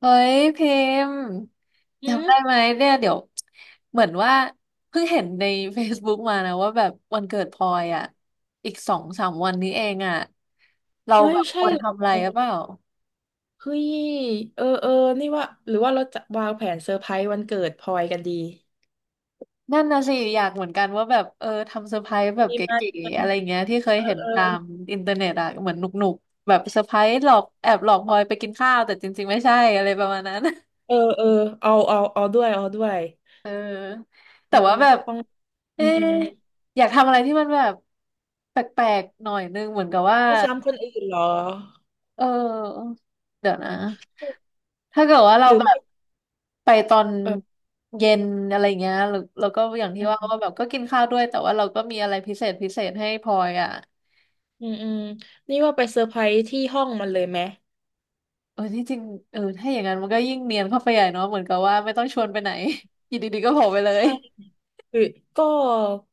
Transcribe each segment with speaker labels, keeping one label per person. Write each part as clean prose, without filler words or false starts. Speaker 1: เฮ้ยพิมพ์
Speaker 2: อื
Speaker 1: จำได้
Speaker 2: ม
Speaker 1: ไหมเนี่ยเดี๋ยวเหมือนว่าเพิ่งเห็นใน Facebook มานะว่าแบบวันเกิดพลอยอ่ะอีกสองสามวันนี้เองอ่ะเรา
Speaker 2: เฮ้
Speaker 1: แบ
Speaker 2: ย
Speaker 1: บค
Speaker 2: ใช่
Speaker 1: วร
Speaker 2: เหร
Speaker 1: ทำอะ
Speaker 2: อ
Speaker 1: ไรหรือเปล่า
Speaker 2: เฮ้ยเออนี่ว่าหรือว่าเราจะวางแผนเซอร์ไพรส์วันเกิดพลอยกันดี
Speaker 1: นั่นนะสิอยากเหมือนกันว่าแบบเออทำเซอร์ไพรส์แบบ
Speaker 2: ดี
Speaker 1: เก
Speaker 2: มาก
Speaker 1: ๋
Speaker 2: เลย
Speaker 1: ๆอะไร
Speaker 2: นะ
Speaker 1: เงี้ยที่เคย
Speaker 2: เออ
Speaker 1: เห็น
Speaker 2: เออ
Speaker 1: ตามอินเทอร์เน็ตอ่ะเหมือนหนุกๆแบบเซอร์ไพรส์หลอกแอบหลอกพลอยไปกินข้าวแต่จริงๆไม่ใช่อะไรประมาณนั้น
Speaker 2: เออเอาด้วยเอาด้วย
Speaker 1: เออ
Speaker 2: เอ
Speaker 1: แต่
Speaker 2: อ
Speaker 1: ว่าแบบ
Speaker 2: ต้อง
Speaker 1: เอ๊
Speaker 2: อืมอื
Speaker 1: ะ
Speaker 2: ม
Speaker 1: อยากทำอะไรที่มันแบบแปลกๆหน่อยนึงเหมือนกับว่า
Speaker 2: ไม่ซ้ำคนอื่นเหรอ
Speaker 1: เออเดี๋ยวนะถ้าเกิดว่าเรา
Speaker 2: หรือ
Speaker 1: แบบ
Speaker 2: ไม่
Speaker 1: ไปตอน
Speaker 2: เออ
Speaker 1: เย็นอะไรเงี้ยหรือแล้วก็อย่างที่
Speaker 2: อื
Speaker 1: ว่า
Speaker 2: ม
Speaker 1: ว่าแบบก็กินข้าวด้วยแต่ว่าเราก็มีอะไรพิเศษพิเศษให้พลอยอ่ะ
Speaker 2: อืมนี่ว่าไปเซอร์ไพรส์ที่ห้องมันเลยไหม
Speaker 1: เออที่จริงเออถ้าอย่างนั้นมันก็ยิ่งเนียนเข้าไปใหญ่เนาะเหมือนกับว่าไม่ต้องชวนไปไหน อยู่ดีๆก็โผล่ไปเลย
Speaker 2: ใช่ หรือก็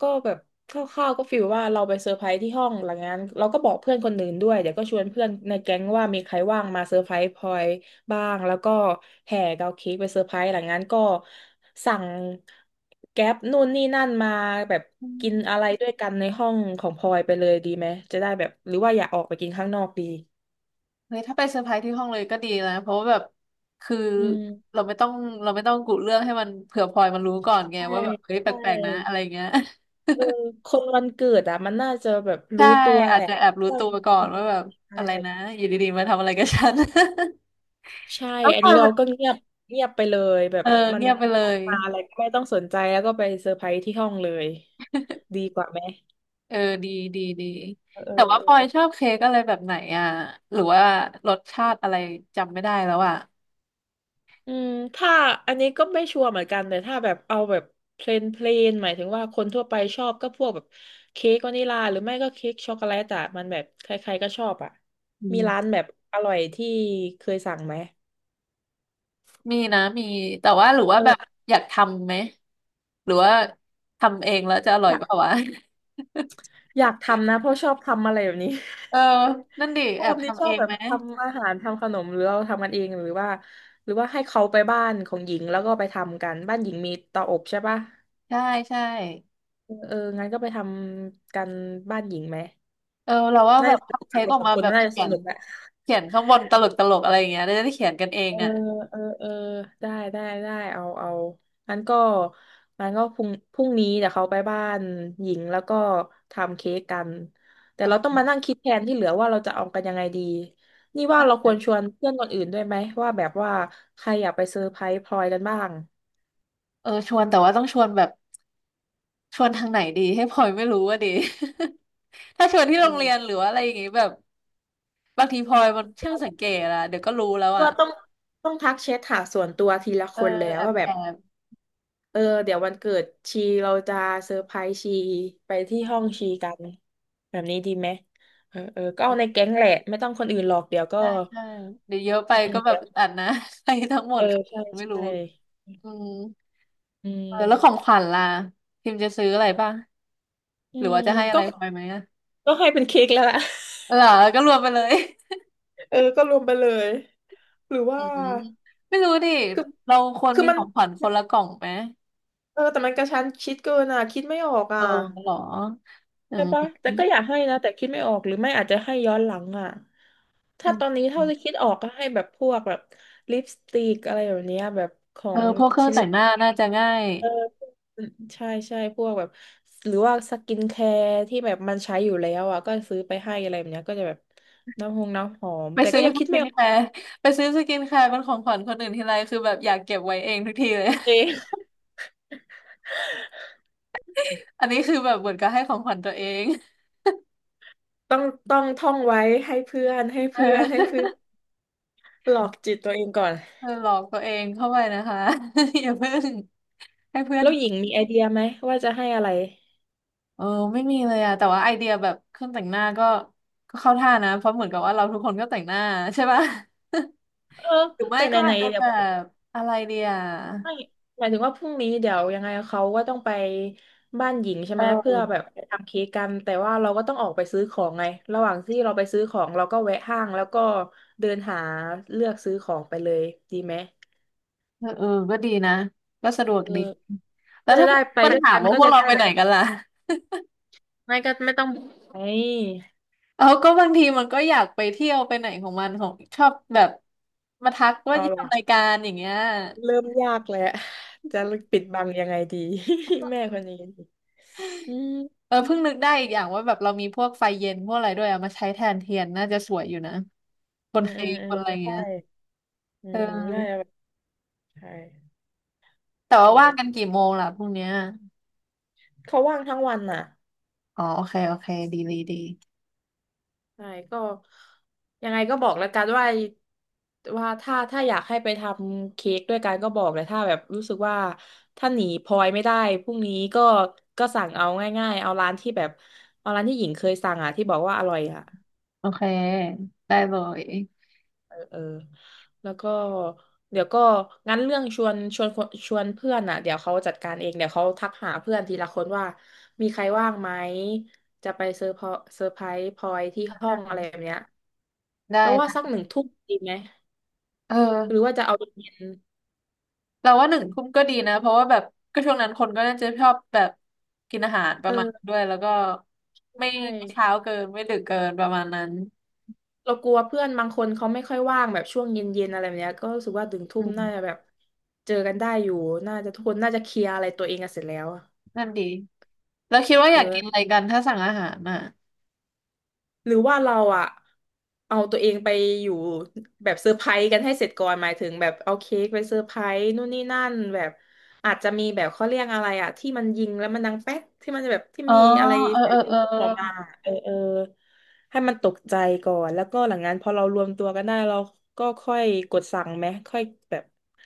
Speaker 2: ก็แบบคร่าวๆก็ฟีลว่าเราไปเซอร์ไพรส์ที่ห้องหลังจากนั้นเราก็บอกเพื่อนคนอื่นด้วยเดี๋ยวก็ชวนเพื่อนในแก๊งว่ามีใครว่างมาเซอร์ไพรส์พลอยบ้างแล้วก็แห่เกาเค้กไปเซอร์ไพรส์หลังจากนั้นก็สั่งแก๊ปนู่นนี่นั่นมาแบบกินอะไรด้วยกันในห้องของพลอยไปเลยดีไหมจะได้แบบหรือว่าอยากออกไปกินข้างนอกดี
Speaker 1: เฮ้ยถ้าไปเซอร์ไพรส์ที่ห้องเลยก็ดีนะเพราะว่าแบบคือ
Speaker 2: อืม
Speaker 1: เราไม่ต้องเราไม่ต้องกุเรื่องให้มันเผื่อพลอยมันรู้ก่อนไง
Speaker 2: ใช่
Speaker 1: ว่าแบบเฮ้ยแป
Speaker 2: ใช่
Speaker 1: ลกๆนะอะไรเงี้ย
Speaker 2: เออคนวันเกิดอ่ะมันน่าจะแบบ
Speaker 1: ใช่
Speaker 2: รู้ตัว
Speaker 1: อา
Speaker 2: แห
Speaker 1: จ
Speaker 2: ละ
Speaker 1: จะแอบรู้
Speaker 2: ว่า
Speaker 1: ตัวก่อ
Speaker 2: เป็
Speaker 1: น
Speaker 2: นยั
Speaker 1: ว่าแบบ
Speaker 2: งไง
Speaker 1: อะไรนะอยู่ดีๆมาทำอะไรกับฉัน
Speaker 2: ใช่ อันนี้เราก็เงียบเงียบไปเลยแบ
Speaker 1: เอ
Speaker 2: บ
Speaker 1: อ
Speaker 2: มัน
Speaker 1: เงียบไปเลย
Speaker 2: มาอะไรก็ไม่ต้องสนใจแล้วก็ไปเซอร์ไพรส์ที่ห้องเลยดีกว่าไหม
Speaker 1: เออดีดีดี
Speaker 2: เ
Speaker 1: แต่ว่าพลอยช
Speaker 2: อออ
Speaker 1: อบเค้กอะไรแบบไหนอ่ะหรือว่ารสชาติอะไรจำไม่ได้แล้วอ่ะ
Speaker 2: อืมถ้าอันนี้ก็ไม่ชัวร์เหมือนกันแต่ถ้าแบบเอาแบบเพลนเพลนหมายถึงว่าคนทั่วไปชอบก็พวกแบบเค้กวานิลาหรือไม่ก็เค้กช็อกโกแลตอะมันแบบใครๆก็ชอบอะ
Speaker 1: อื
Speaker 2: มีร้าน
Speaker 1: ม
Speaker 2: แบบอร่อยที่เคยสั่งไหม
Speaker 1: มีนะมีแต่ว่าหรือ
Speaker 2: เอ
Speaker 1: ว่าแบบ
Speaker 2: อ
Speaker 1: อยากทำไหมหรือว่าทำเองแล้วจะอร่อ
Speaker 2: อ
Speaker 1: ย
Speaker 2: ยา
Speaker 1: เปล่า
Speaker 2: ก
Speaker 1: วะ
Speaker 2: อยากทำนะเพราะชอบทำอะไรแบบนี้
Speaker 1: เออนั่นดิ
Speaker 2: ช
Speaker 1: แอ
Speaker 2: อ
Speaker 1: บ
Speaker 2: บนี่ช
Speaker 1: ทำ
Speaker 2: อ
Speaker 1: เอ
Speaker 2: บ
Speaker 1: ง
Speaker 2: แบบ
Speaker 1: ไหม
Speaker 2: ทำอาหารทำขนมหรือเราทำกันเองหรือว่าหรือว่าให้เขาไปบ้านของหญิงแล้วก็ไปทำกันบ้านหญิงมีเตาอบใช่ปะ
Speaker 1: ใช่ใช่
Speaker 2: เอองั้นก็ไปทำกันบ้านหญิงไหม
Speaker 1: เออเราว่า
Speaker 2: น่า
Speaker 1: แบบ
Speaker 2: จะสนุ
Speaker 1: ทำ
Speaker 2: ก
Speaker 1: เค้
Speaker 2: อะ
Speaker 1: ก
Speaker 2: เรา
Speaker 1: ออก
Speaker 2: สอง
Speaker 1: มา
Speaker 2: คน
Speaker 1: แบบ
Speaker 2: น่าจะ
Speaker 1: เขี
Speaker 2: ส
Speaker 1: ยน
Speaker 2: นุกแหละ
Speaker 1: เขียนข้างบนตลกตลกอะไรอย่างเงี้ยได้ได้เขียนกันเอง
Speaker 2: เออ
Speaker 1: อ่ะ
Speaker 2: เออได้ได้ ได้ เอา เอางั้นก็งั้นก็พรุ่งนี้เดี๋ยวเขาไปบ้านหญิงแล้วก็ทำเค้กกัน แต่
Speaker 1: เอ
Speaker 2: เรา
Speaker 1: อ
Speaker 2: ต้องมานั่งคิดแทนที่เหลือว่าเราจะเอากันยังไงดี นี่ว่าเราควรชวนเพื่อนคนอื่นด้วยไหมว่าใครอยากไปเซอร์ไพรส์พลอยกันบ้าง
Speaker 1: เออชวนแต่ว่าต้องชวนแบบชวนทางไหนดีให้พลอยไม่รู้ว่าดี ถ้าชวนที่
Speaker 2: เอ
Speaker 1: โรงเรี
Speaker 2: อ
Speaker 1: ยนหรือว่าอะไรอย่างงี้แบบบางทีพลอยมันช่างสังเกตอะเดี๋ยวก็รู้แล้วอ่ะ
Speaker 2: ว่าต้องทักแชทหาส่วนตัวทีละ
Speaker 1: เอ
Speaker 2: ค
Speaker 1: อ
Speaker 2: นแล้ว
Speaker 1: แอบ
Speaker 2: ว่าแบ
Speaker 1: แอ
Speaker 2: บ
Speaker 1: บ
Speaker 2: เออเดี๋ยววันเกิดชีเราจะเซอร์ไพรส์ชีไปที่ห้องชีกันแบบนี้ดีไหมเออก็เอาในแก๊งแหละไม่ต้องคนอื่นหรอกเดี๋ยวก็
Speaker 1: ใช่ใช่เดี๋ยวเยอะไป
Speaker 2: อืมอื
Speaker 1: ก็
Speaker 2: ม
Speaker 1: แบ
Speaker 2: เดี๋
Speaker 1: บ
Speaker 2: ยว
Speaker 1: อัดนะ ใครทั้งหม
Speaker 2: เอ
Speaker 1: ด
Speaker 2: อใช่
Speaker 1: ไม่รู้
Speaker 2: ใช่
Speaker 1: อืม
Speaker 2: อื
Speaker 1: เออแล้วขอ
Speaker 2: ม
Speaker 1: งขวัญล่ะพิมจะซื้ออะไรป่ะ
Speaker 2: อื
Speaker 1: หรือว่า
Speaker 2: ม
Speaker 1: จะให้อะ
Speaker 2: ก็
Speaker 1: ไรพลอยไหมอะ
Speaker 2: ก็ให้เป็นเค้กแล้วล่ะ
Speaker 1: เหรอก็รวมไปเลย
Speaker 2: เออก็รวมไปเลยหรือ
Speaker 1: อื
Speaker 2: ว่า
Speaker 1: ม ไม่รู้ดิ
Speaker 2: คือ
Speaker 1: เราควร
Speaker 2: คือ
Speaker 1: มี
Speaker 2: มั
Speaker 1: ข
Speaker 2: น
Speaker 1: องขวัญคนละกล่องไหม
Speaker 2: เออแต่มันกระชั้นชิดเกินอ่ะคิดไม่ออก
Speaker 1: เอ
Speaker 2: อ่ะ
Speaker 1: อเหรออื
Speaker 2: ใช่ปะ
Speaker 1: ม
Speaker 2: แต่ก็อยากให้นะแต่คิดไม่ออกหรือไม่อาจจะให้ย้อนหลังอ่ะ
Speaker 1: อื
Speaker 2: ถ้าตอน
Speaker 1: ม
Speaker 2: นี้เท่าที่คิดออกก็ให้แบบพวกแบบลิปสติกอะไรแบบเนี้ยแบบขอ
Speaker 1: เออ
Speaker 2: ง
Speaker 1: พวกเครื่อง
Speaker 2: ชิล
Speaker 1: แต่
Speaker 2: เ
Speaker 1: งหน้า
Speaker 2: ล
Speaker 1: น่าจะง่าย
Speaker 2: เออใช่ใช่พวกแบบหรือว่าสกินแคร์ที่แบบมันใช้อยู่แล้วอ่ะก็ซื้อไปให้อะไรแบบเนี้ยก็จะแบบน้ำหอม
Speaker 1: ไป
Speaker 2: แต่
Speaker 1: ซื้
Speaker 2: ก็
Speaker 1: อ
Speaker 2: ยัง
Speaker 1: ส
Speaker 2: คิด
Speaker 1: กิ
Speaker 2: ไม่
Speaker 1: น
Speaker 2: ออ
Speaker 1: แค
Speaker 2: ก
Speaker 1: ร์ไปซื้อสกินแคร์เป็นของขวัญคนอื่นทีไรคือแบบอยากเก็บไว้เองทุกทีเลย
Speaker 2: เอ ง
Speaker 1: อันนี้คือแบบเหมือนกับให้ของขวัญตัวเอง
Speaker 2: ต้องต้องท่องไว้
Speaker 1: เอ
Speaker 2: ให้เพื่อ
Speaker 1: อ
Speaker 2: นหลอกจิตตัวเองก่อน
Speaker 1: เออหลอกตัวเองเข้าไปนะคะ อย่าเพิ่งให้เพื่อน
Speaker 2: แล้วหญิงมีไอเดียไหมว่าจะให้อะไร
Speaker 1: เออไม่มีเลยอะแต่ว่าไอเดียแบบเครื่องแต่งหน้าก็ก็เข้าท่านะเพราะเหมือนกับว่าเราทุกคนก็แต่งหน้า ใช่ป่ะ
Speaker 2: เออ
Speaker 1: หรือไม่
Speaker 2: แต่
Speaker 1: ก็
Speaker 2: ไหน
Speaker 1: อาจจะ
Speaker 2: ๆแบ
Speaker 1: แบ
Speaker 2: บ
Speaker 1: บอะไรเดีย
Speaker 2: ไม่หมายถึงว่าพรุ่งนี้เดี๋ยวยังไงเขาก็ต้องไปบ้านหญิงใช่ไหมเพื่
Speaker 1: เอ
Speaker 2: อ
Speaker 1: อ
Speaker 2: แบบไปทำเค้กกันแต่ว่าเราก็ต้องออกไปซื้อของไงระหว่างที่เราไปซื้อของเราก็แวะห้างแล้วก็เดินหาเลือกซื้อของไปเลยดีไหม
Speaker 1: เออเออก็ดีนะก็สะดวก
Speaker 2: เออ
Speaker 1: ดีแล้
Speaker 2: ก็
Speaker 1: ว
Speaker 2: จะ
Speaker 1: ถ้า
Speaker 2: ได้
Speaker 1: มัน
Speaker 2: ไปด้วย
Speaker 1: ถาม
Speaker 2: กัน
Speaker 1: ว่า
Speaker 2: ก็
Speaker 1: พวก
Speaker 2: จะ
Speaker 1: เรา
Speaker 2: ได้
Speaker 1: ไป
Speaker 2: แบ
Speaker 1: ไหน
Speaker 2: บ
Speaker 1: กันล่ะ
Speaker 2: ไม่ก็ไม่ต้องไอ้
Speaker 1: เอาก็บางทีมันก็อยากไปเที่ยวไปไหนของมันของชอบแบบมาทักว่า
Speaker 2: เอา
Speaker 1: จะทำราย
Speaker 2: ล่ะ
Speaker 1: การอย่างเงี้ย
Speaker 2: เริ่มยากแล้วจะปิดบังยังไงดี แม่คนนี้อืม
Speaker 1: เออเพิ่งนึกได้อีกอย่างว่าแบบเรามีพวกไฟเย็นพวกอะไรด้วยเอามาใช้แทนเทียนน่าจะสวยอยู่นะบ
Speaker 2: อื
Speaker 1: น
Speaker 2: มอื
Speaker 1: เค้
Speaker 2: ม
Speaker 1: ก
Speaker 2: อื
Speaker 1: บ
Speaker 2: ม
Speaker 1: นอะไร
Speaker 2: ใช่
Speaker 1: เงี้ย
Speaker 2: อื
Speaker 1: เ
Speaker 2: มอืมน่า
Speaker 1: ออ
Speaker 2: จะแบบใช่
Speaker 1: แต่
Speaker 2: อื
Speaker 1: ว่าว่างกัน
Speaker 2: ม
Speaker 1: กี่โมงล่ะพรุ่งเนี้ย
Speaker 2: เขาว่างทั้งวันน่ะ
Speaker 1: อ๋อโอเคโอเคดีดีดี
Speaker 2: ใช่ก็ยังไงก็บอกแล้วกันว่าว่าถ้าอยากให้ไปทำเค้กด้วยกันก็บอกเลยถ้าแบบรู้สึกว่าถ้าหนีพลอยไม่ได้พรุ่งนี้ก็ก็สั่งเอาง่ายๆเอาร้านที่แบบเอาร้านที่หญิงเคยสั่งอ่ะที่บอกว่าอร่อยอ่ะ
Speaker 1: โอเคได้เลย
Speaker 2: เออแล้วก็เดี๋ยวก็งั้นเรื่องชวนชวนคนชวนเพื่อนอ่ะเดี๋ยวเขาจัดการเองเดี๋ยวเขาทักหาเพื่อนทีละคนว่ามีใครว่างไหมจะไปเซอร์ไพรส์พลอยที่ห้อ
Speaker 1: อ่ะ
Speaker 2: งอะไรแบบเนี้ย
Speaker 1: ได้
Speaker 2: เราวว่า
Speaker 1: นะ
Speaker 2: สัก1 ทุ่มดีไหม
Speaker 1: เอ
Speaker 2: หรือ
Speaker 1: อ
Speaker 2: ว่าจะเอาเย็น
Speaker 1: เราว่า1 ทุ่มก็ดีนะเพราะว่าแบบก็ช่วงนั้นคนก็น่าจะชอบแบบกินอาหารป
Speaker 2: ๆ
Speaker 1: ระมาณ
Speaker 2: เออ
Speaker 1: ด้วยแล้วก็ไม่
Speaker 2: ใช่
Speaker 1: ไม่เช้าเกินไม่ดึกเกินประมาณนั้น
Speaker 2: เรากลัวเพื่อนบางคนเขาไม่ค่อยว่างแบบช่วงเย็นๆอะไรแบบเนี้ยก็รู้สึกว่าถึงทุ่
Speaker 1: อื
Speaker 2: มน่าจะ
Speaker 1: ม
Speaker 2: แบบเจอกันได้อยู่น่าจะทุกคนน่าจะเคลียร์อะไรตัวเองกันเสร็จแล้วอะ
Speaker 1: นั่นดีแล้วคิดว่าอ
Speaker 2: เออ
Speaker 1: ยากกินอะไรกันถ้าสั่งอาหารอ่ะ
Speaker 2: หรือว่าเราอะเอาตัวเองไปอยู่แบบเซอร์ไพรส์กันให้เสร็จก่อนหมายถึงแบบเอาเค้กไปเซอร์ไพรส์นู่นนี่นั่นแบบอาจจะมีแบบเขาเรียกอะไรอะที่มันยิงแล้วมันดังแป๊กที่มันจะแบบที่
Speaker 1: อ๋อ
Speaker 2: มีอะไร
Speaker 1: เออ
Speaker 2: เสี
Speaker 1: เอ
Speaker 2: ย
Speaker 1: อ
Speaker 2: งยิ
Speaker 1: เอ
Speaker 2: ง
Speaker 1: อ
Speaker 2: ออกมาเออเออให้มันตกใจก่อนแล้วก็หลังนั้นพอเรารวมตัวกันได้เราก็ค่อยกดสั่งไหมค่อยแบบ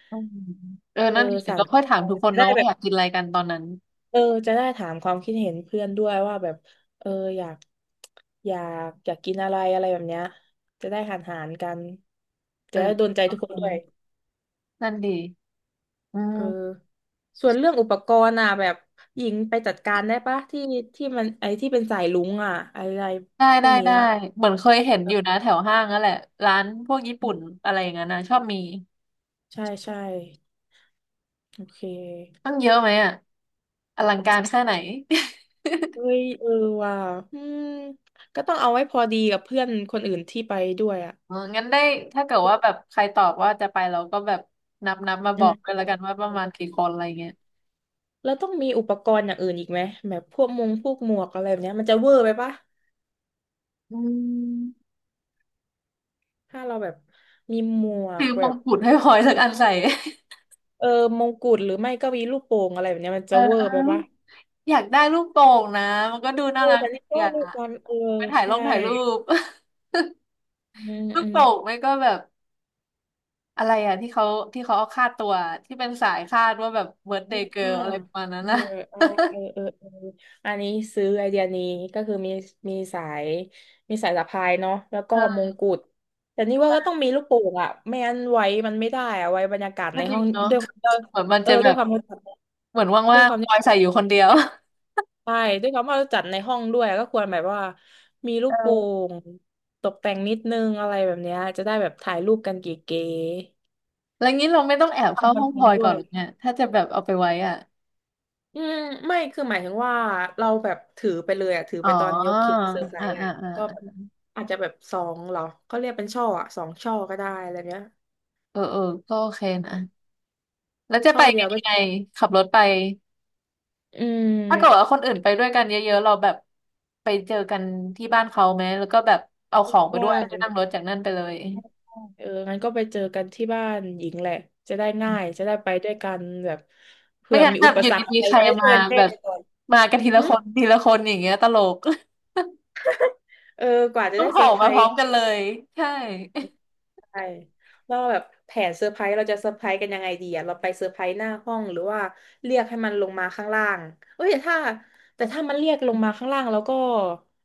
Speaker 1: อืมเออ
Speaker 2: เอ
Speaker 1: นั่
Speaker 2: อ
Speaker 1: นดี
Speaker 2: สั่ง
Speaker 1: เรา
Speaker 2: ข
Speaker 1: ค่อย
Speaker 2: อ
Speaker 1: ถามทุ
Speaker 2: ง
Speaker 1: กคน
Speaker 2: ได้
Speaker 1: เนาะ
Speaker 2: แบ
Speaker 1: ว่าอ
Speaker 2: บ
Speaker 1: ยากกินอะไรกันตอนนั้น
Speaker 2: เออจะได้ถามความคิดเห็นเพื่อนด้วยว่าแบบเอออยากอยาอยากกินอะไรอะไรแบบเนี้ยจะได้หารกัน
Speaker 1: เอ
Speaker 2: จะ
Speaker 1: อ
Speaker 2: ได้โดนใจ
Speaker 1: โอ
Speaker 2: ทุกค
Speaker 1: เค
Speaker 2: นด้วย
Speaker 1: นั่นดีอื
Speaker 2: เออ
Speaker 1: ม
Speaker 2: ส่วนเรื่องอุปกรณ์อ่ะแบบหญิงไปจัดการได้ปะที่มันไอ้ที่เป็นสายลุงอ่ะอะไร
Speaker 1: ได้
Speaker 2: พว
Speaker 1: ได้
Speaker 2: กนี้
Speaker 1: ได้
Speaker 2: อ่ะ
Speaker 1: เหมือนเคยเห็น
Speaker 2: เออ
Speaker 1: อยู่นะแถวห้างนั่นแหละร้านพวกญี่ปุ่นอะไรอย่างนั้นนะชอบมี
Speaker 2: ใช่ใช่โอเค
Speaker 1: ต้องเยอะไหมอ่ะอลังการแค่ไหน
Speaker 2: เอ้ยเออว่ะอืมก็ต้องเอาไว้พอดีกับเพื่อนคนอื่นที่ไปด้วยอ่ะ
Speaker 1: เอองั้นได้ถ้าเกิดว่าแบบใครตอบว่าจะไปเราก็แบบนับมาบ
Speaker 2: อื
Speaker 1: อ
Speaker 2: ม
Speaker 1: กกันแล้วกันว่าประมาณกี่คนอะไรเงี้ย
Speaker 2: แล้วต้องมีอุปกรณ์อย่างอื่นอีกไหมแบบพวกมงพวกหมวกอะไรแบบเนี้ยมันจะเวอร์ไปปะ
Speaker 1: อืม
Speaker 2: ถ้าเราแบบมีหมวก
Speaker 1: ถือม
Speaker 2: แบ
Speaker 1: ง
Speaker 2: บ
Speaker 1: กุฎให้พลอยสักอันใส่
Speaker 2: เออมงกุฎหรือไม่ก็มีลูกโป่งอะไรแบบเนี้ยมัน
Speaker 1: เออ
Speaker 2: จะเวอ
Speaker 1: เออ
Speaker 2: ร์ไป
Speaker 1: ลู
Speaker 2: ปะ
Speaker 1: กอยากได้ลูกโป่งนะมันก็ดูน่า
Speaker 2: เออ
Speaker 1: รัก
Speaker 2: แต่
Speaker 1: ดี
Speaker 2: นี่ก็
Speaker 1: อ่ะ
Speaker 2: ลูกบอลเออ
Speaker 1: ไปถ่ายล
Speaker 2: ใช่
Speaker 1: งถ่ายรูป
Speaker 2: อืม
Speaker 1: ลูก
Speaker 2: อืม
Speaker 1: โป่งไม่ก็แบบ อะไรอ่ะที่เขาที่เขาเอาค่าตัวที่เป็นสายคาดว่าแบบเบิร์ d เดย์เกิ
Speaker 2: อ่า
Speaker 1: ร์ลอะไรประมาณนั้น
Speaker 2: เออ
Speaker 1: นะ
Speaker 2: อ่าเออเออเอออันนี้ซื้อไอเดียนี้ก็คือมีสายมีสายสะพายเนาะแล้วก็ม
Speaker 1: เออ
Speaker 2: งกุฎแต่นี่ว่าก็
Speaker 1: ใช่
Speaker 2: ต้องมีลูกโป่งอะไม่งั้นไว้มันไม่ได้อะไว้บรรยากาศ
Speaker 1: ก็
Speaker 2: ใน
Speaker 1: จริ
Speaker 2: ห้อ
Speaker 1: ง
Speaker 2: ง
Speaker 1: เนาะ
Speaker 2: ด้วย
Speaker 1: เหมือนมัน
Speaker 2: เออ
Speaker 1: จะแบ
Speaker 2: ด้วย
Speaker 1: บ
Speaker 2: ความ
Speaker 1: เหมือน
Speaker 2: ด้ว
Speaker 1: ว่า
Speaker 2: ย
Speaker 1: ง
Speaker 2: ความ
Speaker 1: ๆพลอยใส่อยู่คนเดียว
Speaker 2: ใช่ด้วยความว่าเราจัดในห้องด้วยก็ควรแบบว่ามีลูกโป่
Speaker 1: เออ
Speaker 2: งตกแต่งนิดนึงอะไรแบบเนี้ยจะได้แบบถ่ายรูปกันเก๋
Speaker 1: แล้วงี้เราไม่ต้อง
Speaker 2: ๆ
Speaker 1: แอบเข้า
Speaker 2: ทำคอ
Speaker 1: ห้
Speaker 2: น
Speaker 1: อง
Speaker 2: เท
Speaker 1: พ
Speaker 2: น
Speaker 1: ลอย
Speaker 2: ต์ด้
Speaker 1: ก่อ
Speaker 2: ว
Speaker 1: น
Speaker 2: ย
Speaker 1: หรอเนี่ยถ้าจะแบบเอาไปไว้อ่ะ
Speaker 2: อืมไม่คือหมายถึงว่าเราแบบถือไปเลยอ่ะถือ
Speaker 1: อ๋อ
Speaker 2: ไปตอนยกคลิปเซอร์ไพร
Speaker 1: อ่าอ่า
Speaker 2: ส์อ่ะแล้วก็แบบ
Speaker 1: อ่า
Speaker 2: อาจจะแบบสองเหรอเขาเรียกเป็นช่ออ่ะสองช่อก็ได้อะไรเนี้ย
Speaker 1: เออเออก็โอเคนะแล้วจะ
Speaker 2: ช่
Speaker 1: ไป
Speaker 2: อเดี
Speaker 1: กั
Speaker 2: ยว
Speaker 1: น
Speaker 2: ก็
Speaker 1: ยังไงขับรถไป
Speaker 2: อืม
Speaker 1: ถ้าเกิดว่าคนอื่นไปด้วยกันเยอะๆเราแบบไปเจอกันที่บ้านเขาไหมแล้วก็แบบเอาของไปด้วยแล้วก็
Speaker 2: ได้
Speaker 1: นั่งรถจากนั่นไปเลย
Speaker 2: เอองั้นก็ไปเจอกันที่บ้านหญิงแหละจะได้ง่ายจะได้ไปด้วยกันแบบ
Speaker 1: ไม่
Speaker 2: เผื่อ
Speaker 1: งั้น
Speaker 2: มี
Speaker 1: แบ
Speaker 2: อุ
Speaker 1: บ
Speaker 2: ป
Speaker 1: อยู่
Speaker 2: สรรคอะ
Speaker 1: ดี
Speaker 2: ไร
Speaker 1: ๆใคร
Speaker 2: ได้ช่
Speaker 1: มา
Speaker 2: วยกันแก้
Speaker 1: แบบ
Speaker 2: ก่ อน
Speaker 1: มากันทีละ
Speaker 2: หึ
Speaker 1: คนทีละคนอย่างเงี้ยตลก
Speaker 2: เออกว่า จะ
Speaker 1: ต้อง
Speaker 2: ได้
Speaker 1: โผ
Speaker 2: เซ
Speaker 1: ล่
Speaker 2: อร์ไพร
Speaker 1: มาพร้อ
Speaker 2: ส์
Speaker 1: มกันเลยใช่
Speaker 2: ไชเราแบบแผนเซอร์ไพรส์เราจะเซอร์ไพรส์กันยังไงดีอะเราไปเซอร์ไพรส์หน้าห้องหรือว่าเรียกให้มันลงมาข้างล่างเอ้ยแต่ถ้ามันเรียกลงมาข้างล่างแล้วก็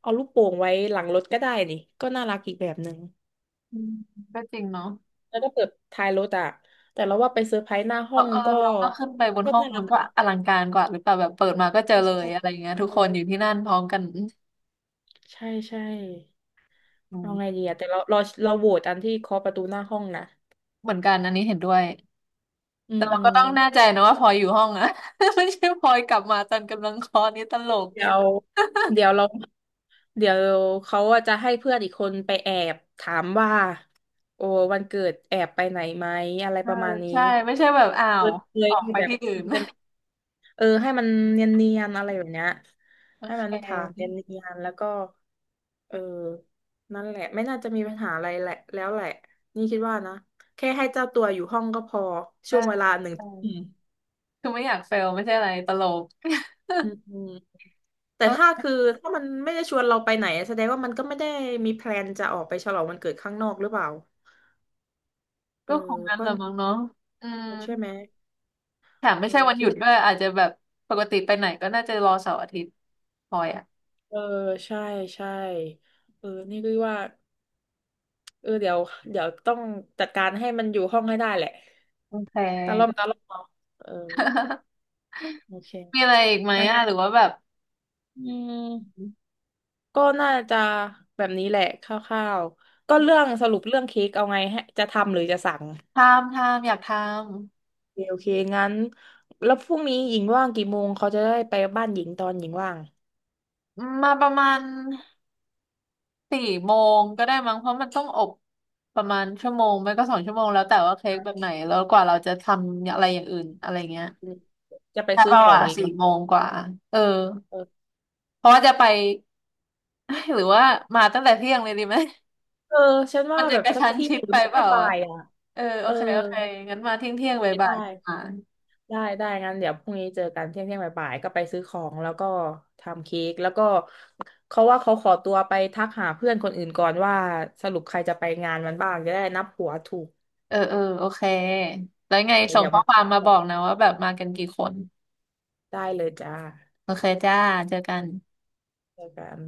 Speaker 2: เอาลูกโป่งไว้หลังรถก็ได้นี่ก็น่ารักอีกแบบหนึ่ง
Speaker 1: อืมก็จริงเนาะ
Speaker 2: แล้วก็เปิดท้ายรถอะแต่เราว่าไปเซอร์ไพรส์หน้า
Speaker 1: เอ
Speaker 2: ห้อ
Speaker 1: อ
Speaker 2: ง
Speaker 1: เออ
Speaker 2: ก็
Speaker 1: เราก็ขึ้นไปบน
Speaker 2: ก็
Speaker 1: ห้อง
Speaker 2: น่ารั
Speaker 1: มั
Speaker 2: ก
Speaker 1: นก็
Speaker 2: นะ
Speaker 1: อลังการกว่าหรือเปล่าแบบเปิดมาก็เจอ
Speaker 2: ใช่
Speaker 1: เลยอะไร
Speaker 2: ใช่
Speaker 1: เงี้ยทุกคนอยู่ที่นั่นพร้อมกันอืม
Speaker 2: ใช่ใช่
Speaker 1: อื
Speaker 2: เอา
Speaker 1: ม
Speaker 2: ไงดีอะแต่เราโหวตอันที่เคาะประตูหน้าห้องนะ
Speaker 1: เหมือนกันอันนี้เห็นด้วย
Speaker 2: อื
Speaker 1: แต่
Speaker 2: ม
Speaker 1: เรา
Speaker 2: อื
Speaker 1: ก็
Speaker 2: ม
Speaker 1: ต้องแน่ใจนะว่าพลอยอยู่ห้องอะ ไม่ใช่พลอยกลับมาตอนกำลังคลอดนี่ตลก
Speaker 2: เดี๋ยวเดี๋ยวเรา เดี๋ยวเขาอะจะให้เพื่อนอีกคนไปแอบถามว่าโอ้วันเกิดแอบไปไหนไหมอะไร
Speaker 1: เอ
Speaker 2: ป
Speaker 1: อ
Speaker 2: ระมาณนี้
Speaker 1: ใช่ไม่ใช่แบบอ้า
Speaker 2: เค
Speaker 1: ว
Speaker 2: ยเคย
Speaker 1: ออก
Speaker 2: ที่
Speaker 1: ไป
Speaker 2: แบบ
Speaker 1: ที่อื่
Speaker 2: มั
Speaker 1: น
Speaker 2: น จะเออให้มันเนียนๆอะไรแบบเนี้ย
Speaker 1: โอ
Speaker 2: ให้
Speaker 1: เ
Speaker 2: มันถามเน
Speaker 1: ค
Speaker 2: ียนๆแล้วก็เออนั่นแหละไม่น่าจะมีปัญหาอะไรแหละแล้วแหละนี่คิดว่านะแค่ให้เจ้าตัวอยู่ห้องก็พอช่
Speaker 1: ใช่
Speaker 2: วงเวลาหนึ่งอืม
Speaker 1: คือไม่อยากเฟลไม่ใช่อะไรตลก
Speaker 2: อืมอืมแต่
Speaker 1: ก็
Speaker 2: ถ้าคือถ้ามันไม่ได้ชวนเราไปไหนแสดงว่ามันก็ไม่ได้มีแพลนจะออกไปฉลองวันเกิดข้างนอกหรือเปล่า เอ
Speaker 1: ก็
Speaker 2: อ
Speaker 1: คงงั้
Speaker 2: เพ
Speaker 1: นแห
Speaker 2: ราะ
Speaker 1: ละมั้งเนาะอืม
Speaker 2: ใช่ไหม
Speaker 1: แถม
Speaker 2: เอ
Speaker 1: ไม่
Speaker 2: อ
Speaker 1: ใช่วันห
Speaker 2: คิด
Speaker 1: ยุด
Speaker 2: ว่า
Speaker 1: ด้วยอาจจะแบบปกติไปไหนก็น่าจะรอเสาร์อาทิตย์พอยอ่ะ
Speaker 2: เออใช่ใช่เออนี่ก็ว่าเออเดี๋ยวต้องจัดการให้มันอยู่ห้องให้ได้แหละ
Speaker 1: โอเค
Speaker 2: ตาล่อมเนาะเออ โอเค
Speaker 1: มีอะไรอีกไหม
Speaker 2: อะ
Speaker 1: อ่ะหรือว่าแบบ
Speaker 2: อืมก็น่าจะแบบนี้แหละคร่าวๆก็เรื่องสรุปเรื่องเค้กเอาไงให้จะทำหรือจะสั่ง
Speaker 1: ทำอยากทำ
Speaker 2: โอเคงั้นแล้วพรุ่งนี้หญิงว่างกี่โมงเขาจะได้ไปบ้านหญิงตอนหญิงว่าง
Speaker 1: มมาประมาณสี่โมงก็ได้มั้งเพราะมันต้องอบประมาณชั่วโมงไม่ก็2 ชั่วโมงแล้วแต่ว่าเค้กแบบ
Speaker 2: อ่ะ
Speaker 1: ไหนแล้วกว่าเราจะทำอะไรอย่างอื่นอะไรเงี้ย
Speaker 2: จะไป
Speaker 1: แต่
Speaker 2: ซื้อ
Speaker 1: เรา
Speaker 2: ของ
Speaker 1: อ่ะ
Speaker 2: อีก
Speaker 1: สี่
Speaker 2: เนา
Speaker 1: โมงกว่าเออ
Speaker 2: ะ
Speaker 1: เพราะว่าจะไป หรือว่ามาตั้งแต่เที่ยงเลยดีไหม
Speaker 2: เออฉัน
Speaker 1: มั
Speaker 2: ว่า
Speaker 1: นจะ
Speaker 2: แบบ
Speaker 1: กระ
Speaker 2: สัก
Speaker 1: ชั้น
Speaker 2: ที่
Speaker 1: ชิด
Speaker 2: หรื
Speaker 1: ไป
Speaker 2: อไม่
Speaker 1: เป
Speaker 2: ก็
Speaker 1: ล่า
Speaker 2: บ่า
Speaker 1: อ่ะ
Speaker 2: ยอ่ะ
Speaker 1: เออโอ
Speaker 2: เออ
Speaker 1: เคโอเคงั้นมาเที่ยงเที่ยงบ่าย
Speaker 2: ไม่
Speaker 1: บ่าย
Speaker 2: ได้
Speaker 1: มา
Speaker 2: ได้ได้งั้นเดี๋ยวพรุ่งนี้เจอกันเที่ยงเที่ยงบ่ายๆก็ไปซื้อของแล้วก็ทำเค้กแล้วก็เขาว่าเขาขอตัวไปทักหาเพื่อนคนอื่นก่อนว่าสรุปใครจะไปงานมันบ้างจะได้นับหัวถูก
Speaker 1: เออเออโอเคแล้วไงส่ง
Speaker 2: เดี๋ยว
Speaker 1: ข้อ
Speaker 2: มา
Speaker 1: ความมาบอกนะว่าแบบมากันกี่คน
Speaker 2: ได้เลยจ้า
Speaker 1: โอเคจ้าเจอกัน
Speaker 2: เจอกัน